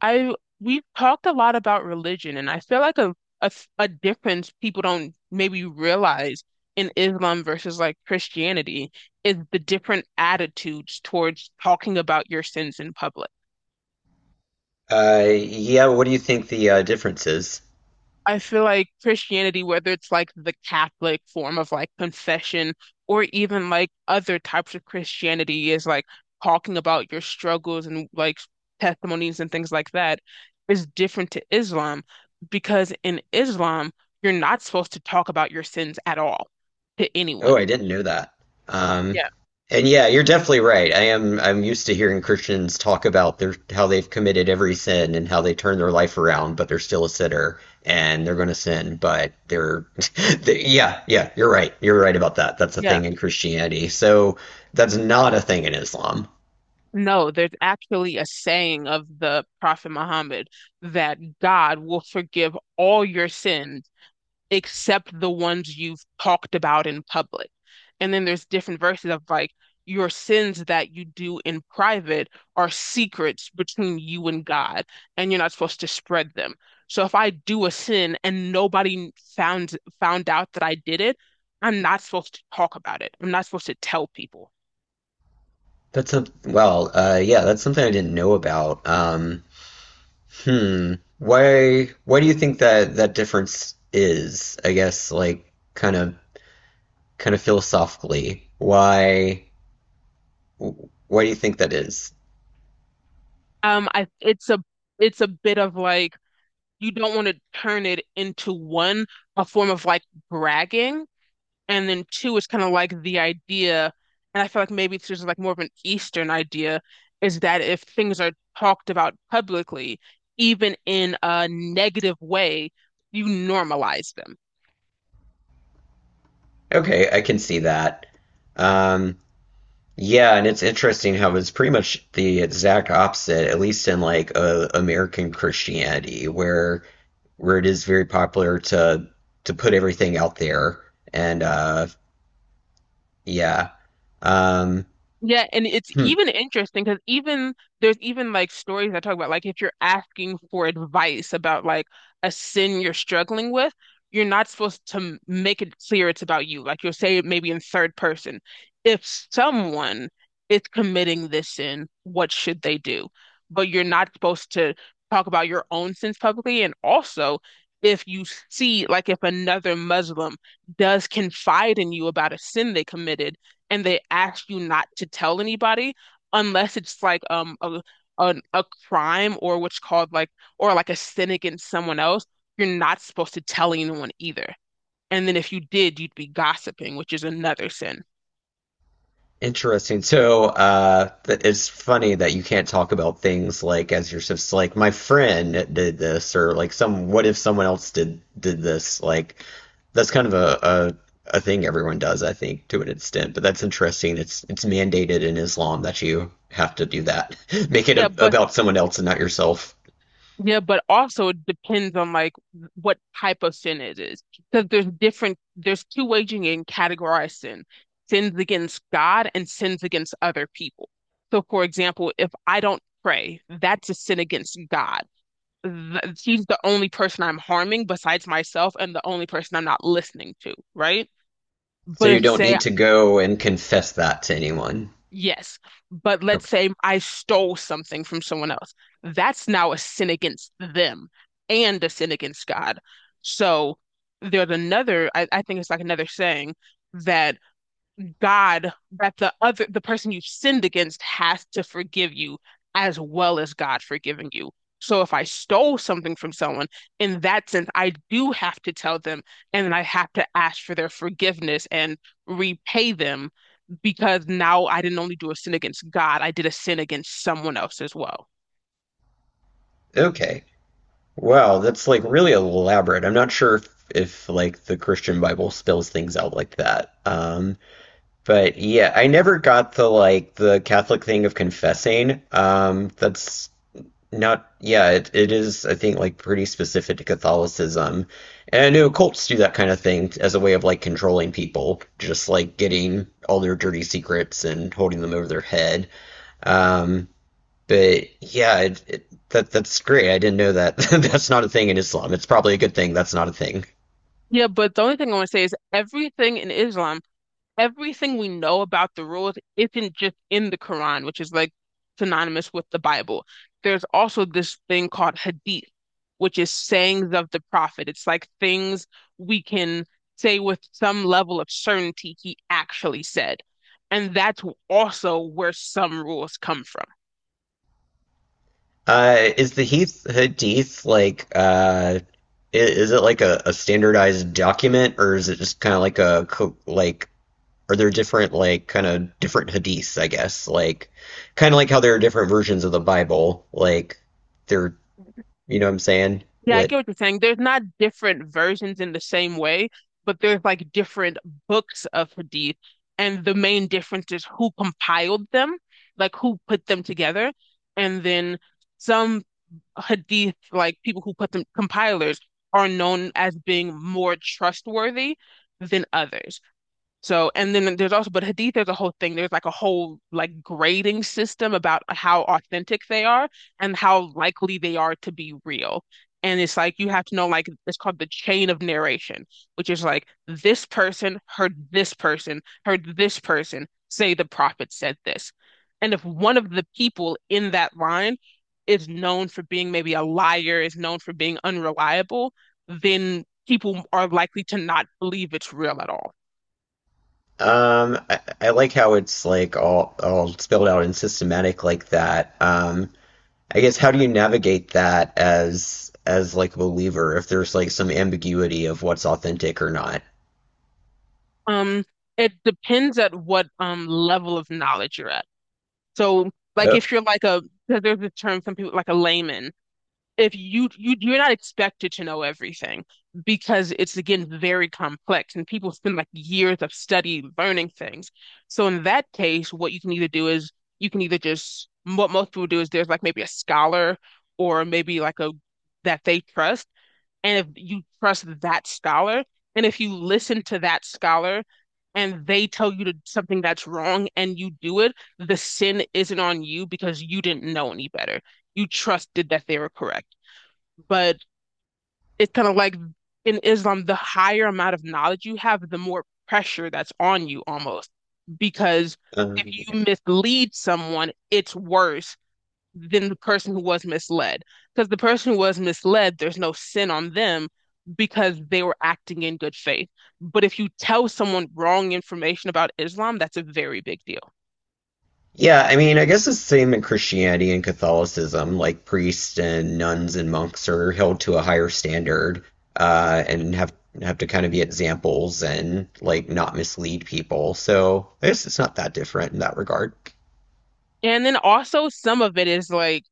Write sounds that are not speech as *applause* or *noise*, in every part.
I We've talked a lot about religion, and I feel like a difference people don't maybe realize in Islam versus like Christianity is the different attitudes towards talking about your sins in public. Yeah, what do you think the difference is? I feel like Christianity, whether it's like the Catholic form of like confession or even like other types of Christianity, is like talking about your struggles and like testimonies and things like that, is different to Islam because in Islam, you're not supposed to talk about your sins at all to anyone. Oh, I didn't know that. Um, Yeah, and yeah, you're definitely right. I'm used to hearing Christians talk about their how they've committed every sin and how they turn their life around, but they're still a sinner and they're going to sin, but *laughs* yeah, yeah, you're right. You're right about that. That's a yeah. thing in Christianity. So that's not a thing in Islam. No, there's actually a saying of the Prophet Muhammad that God will forgive all your sins except the ones you've talked about in public. And then there's different verses of like, your sins that you do in private are secrets between you and God, and you're not supposed to spread them. So if I do a sin and nobody found out that I did it, I'm not supposed to talk about it. I'm not supposed to tell people. Yeah, that's something I didn't know about. Hmm. Why do you think that that difference is? I guess like kind of philosophically. Why do you think that is? I It's a it's a bit of like you don't want to turn it into one a form of like bragging. And then two is kind of like the idea, and I feel like maybe it's just like more of an Eastern idea, is that if things are talked about publicly, even in a negative way, you normalize them. Okay, I can see that. Um yeah, and it's interesting how it's pretty much the exact opposite, at least in like American Christianity, where it is very popular to put everything out there and yeah. Um Yeah, and it's hmm. even interesting because even there's even like stories that talk about like if you're asking for advice about like a sin you're struggling with, you're not supposed to make it clear it's about you. Like you'll say it maybe in third person. If someone is committing this sin, what should they do? But you're not supposed to talk about your own sins publicly. And also, if you see like if another Muslim does confide in you about a sin they committed and they ask you not to tell anybody unless it's like a crime or what's called like or like a sin against someone else, you're not supposed to tell anyone either. And then if you did, you'd be gossiping, which is another sin. Interesting. So, th it's funny that you can't talk about things like as you just like my friend did this or like some what if someone else did this like that's kind of a thing everyone does I think to an extent but that's interesting it's mandated in Islam that you have to do that *laughs* make it Yeah, a, but about someone else and not yourself yeah, but also it depends on like what type of sin it is. Because there's different there's two ways you can categorize sin. Sins against God and sins against other people. So for example, if I don't pray, that's a sin against God. Th She's the only person I'm harming besides myself and the only person I'm not listening to, right? so But you if don't say need to go and confess that to anyone yes, but let's okay say I stole something from someone else, that's now a sin against them and a sin against God. So there's another, I think it's like another saying that God that the other the person you've sinned against has to forgive you as well as God forgiving you. So if I stole something from someone, in that sense, I do have to tell them and then I have to ask for their forgiveness and repay them because now I didn't only do a sin against God, I did a sin against someone else as well. okay. Wow, that's like really elaborate. I'm not sure if like the Christian Bible spells things out like that. But yeah, I never got the like the Catholic thing of confessing. That's not, yeah, it is, I think, like pretty specific to Catholicism. And I know cults do that kind of thing as a way of like controlling people, just like getting all their dirty secrets and holding them over their head. Um, but yeah, that's great. I didn't know that. *laughs* that's not a thing in Islam. It's probably a good thing that's not a thing. Yeah, but the only thing I want to say is everything in Islam everything we know about the rules isn't just in the Quran, which is like synonymous with the Bible. There's also this thing called hadith, which is sayings of the Prophet. It's like things we can say with some level of certainty he actually said. And that's also where some rules come from. Is the Hadith like is it like a standardized document, or is it just kind of like like are there different like kind of different hadiths, I guess, like kind of like how there are different versions of the Bible, like there, you know what I'm saying? Yeah, I What get what you're saying. There's not different versions in the same way, but there's like different books of hadith, and the main difference is who compiled them, like who put them together, and then some hadith, like people who put them compilers, are known as being more trustworthy than others. So, and then there's also, but Hadith, there's a whole thing. There's like a whole like grading system about how authentic they are and how likely they are to be real. And it's like you have to know like it's called the chain of narration, which is like this person heard this person, heard this person say the prophet said this. And if one of the people in that line is known for being maybe a liar, is known for being unreliable, then people are likely to not believe it's real at all. I like how it's like all spelled out and systematic like that. I guess how do you navigate that as like a believer if there's like some ambiguity of what's authentic or not? Um, it depends at what level of knowledge you're at. So, like Oh, if you're like a, 'cause there's a term some people like a layman. If you're not expected to know everything because it's again very complex and people spend like years of study learning things. So in that case, what you can either do is you can either just what most people do is there's like maybe a scholar or maybe like a that they trust, and if you trust that scholar, and if you listen to that scholar and they tell you to something that's wrong and you do it, the sin isn't on you because you didn't know any better. You trusted that they were correct. But it's kind of like in Islam, the higher amount of knowledge you have, the more pressure that's on you almost. Because if um, you mislead someone, it's worse than the person who was misled. Because the person who was misled, there's no sin on them because they were acting in good faith. But if you tell someone wrong information about Islam, that's a very big deal. yeah, I mean, I guess it's the same in Christianity and Catholicism. Like priests and nuns and monks are held to a higher standard and have to kind of be examples and like not mislead people. So I guess it's not that different in that regard. And then also, some of it is like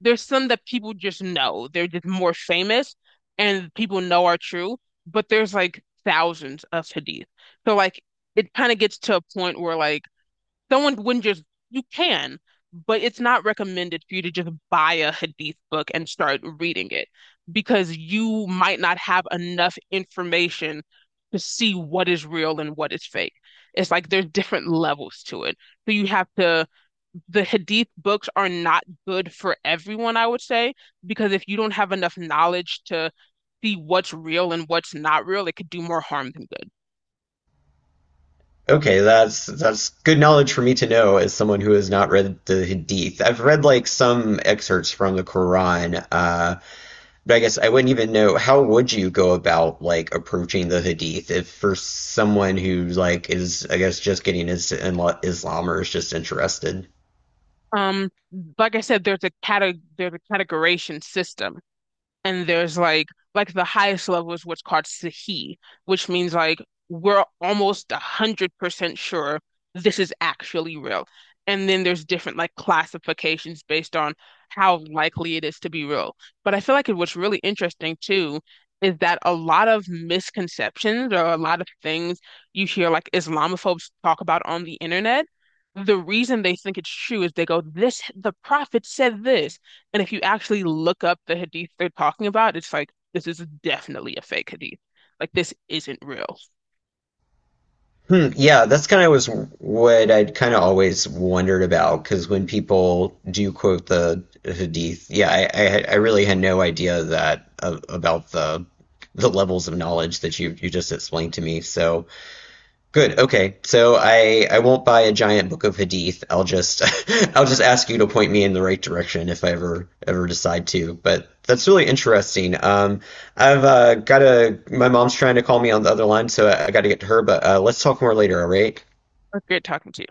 there's some that people just know, they're just more famous and people know are true, but there's like thousands of hadith. So, like, it kind of gets to a point where, like, someone wouldn't just, you can, but it's not recommended for you to just buy a hadith book and start reading it because you might not have enough information to see what is real and what is fake. It's like there's different levels to it. So you have to, the hadith books are not good for everyone, I would say, because if you don't have enough knowledge to see what's real and what's not real, it could do more harm than good. Okay, that's good knowledge for me to know as someone who has not read the Hadith. I've read like some excerpts from the Quran, but I guess I wouldn't even know how would you go about like approaching the Hadith if for someone who like is I guess just getting his Islam or is just interested. Um, like I said, there's a cate there's a categorization system. And there's like the highest level is what's called Sahi, which means like we're almost 100% sure this is actually real. And then there's different like classifications based on how likely it is to be real. But I feel like what's really interesting too is that a lot of misconceptions or a lot of things you hear like Islamophobes talk about on the internet, the reason they think it's true is they go, this, the prophet said this. And if you actually look up the hadith they're talking about, it's like, this is definitely a fake hadith. Like, this isn't real. Hmm, yeah, that's kind of was what I'd kind of always wondered about because when people do quote the Hadith, yeah, I really had no idea that about the levels of knowledge that you just explained to me. So good. Okay. So I won't buy a giant book of hadith. I'll just *laughs* I'll just ask you to point me in the right direction if I ever decide to. But that's really interesting. I've got to my mom's trying to call me on the other line, so I got to get to her. But let's talk more later. All right. Great talking to you.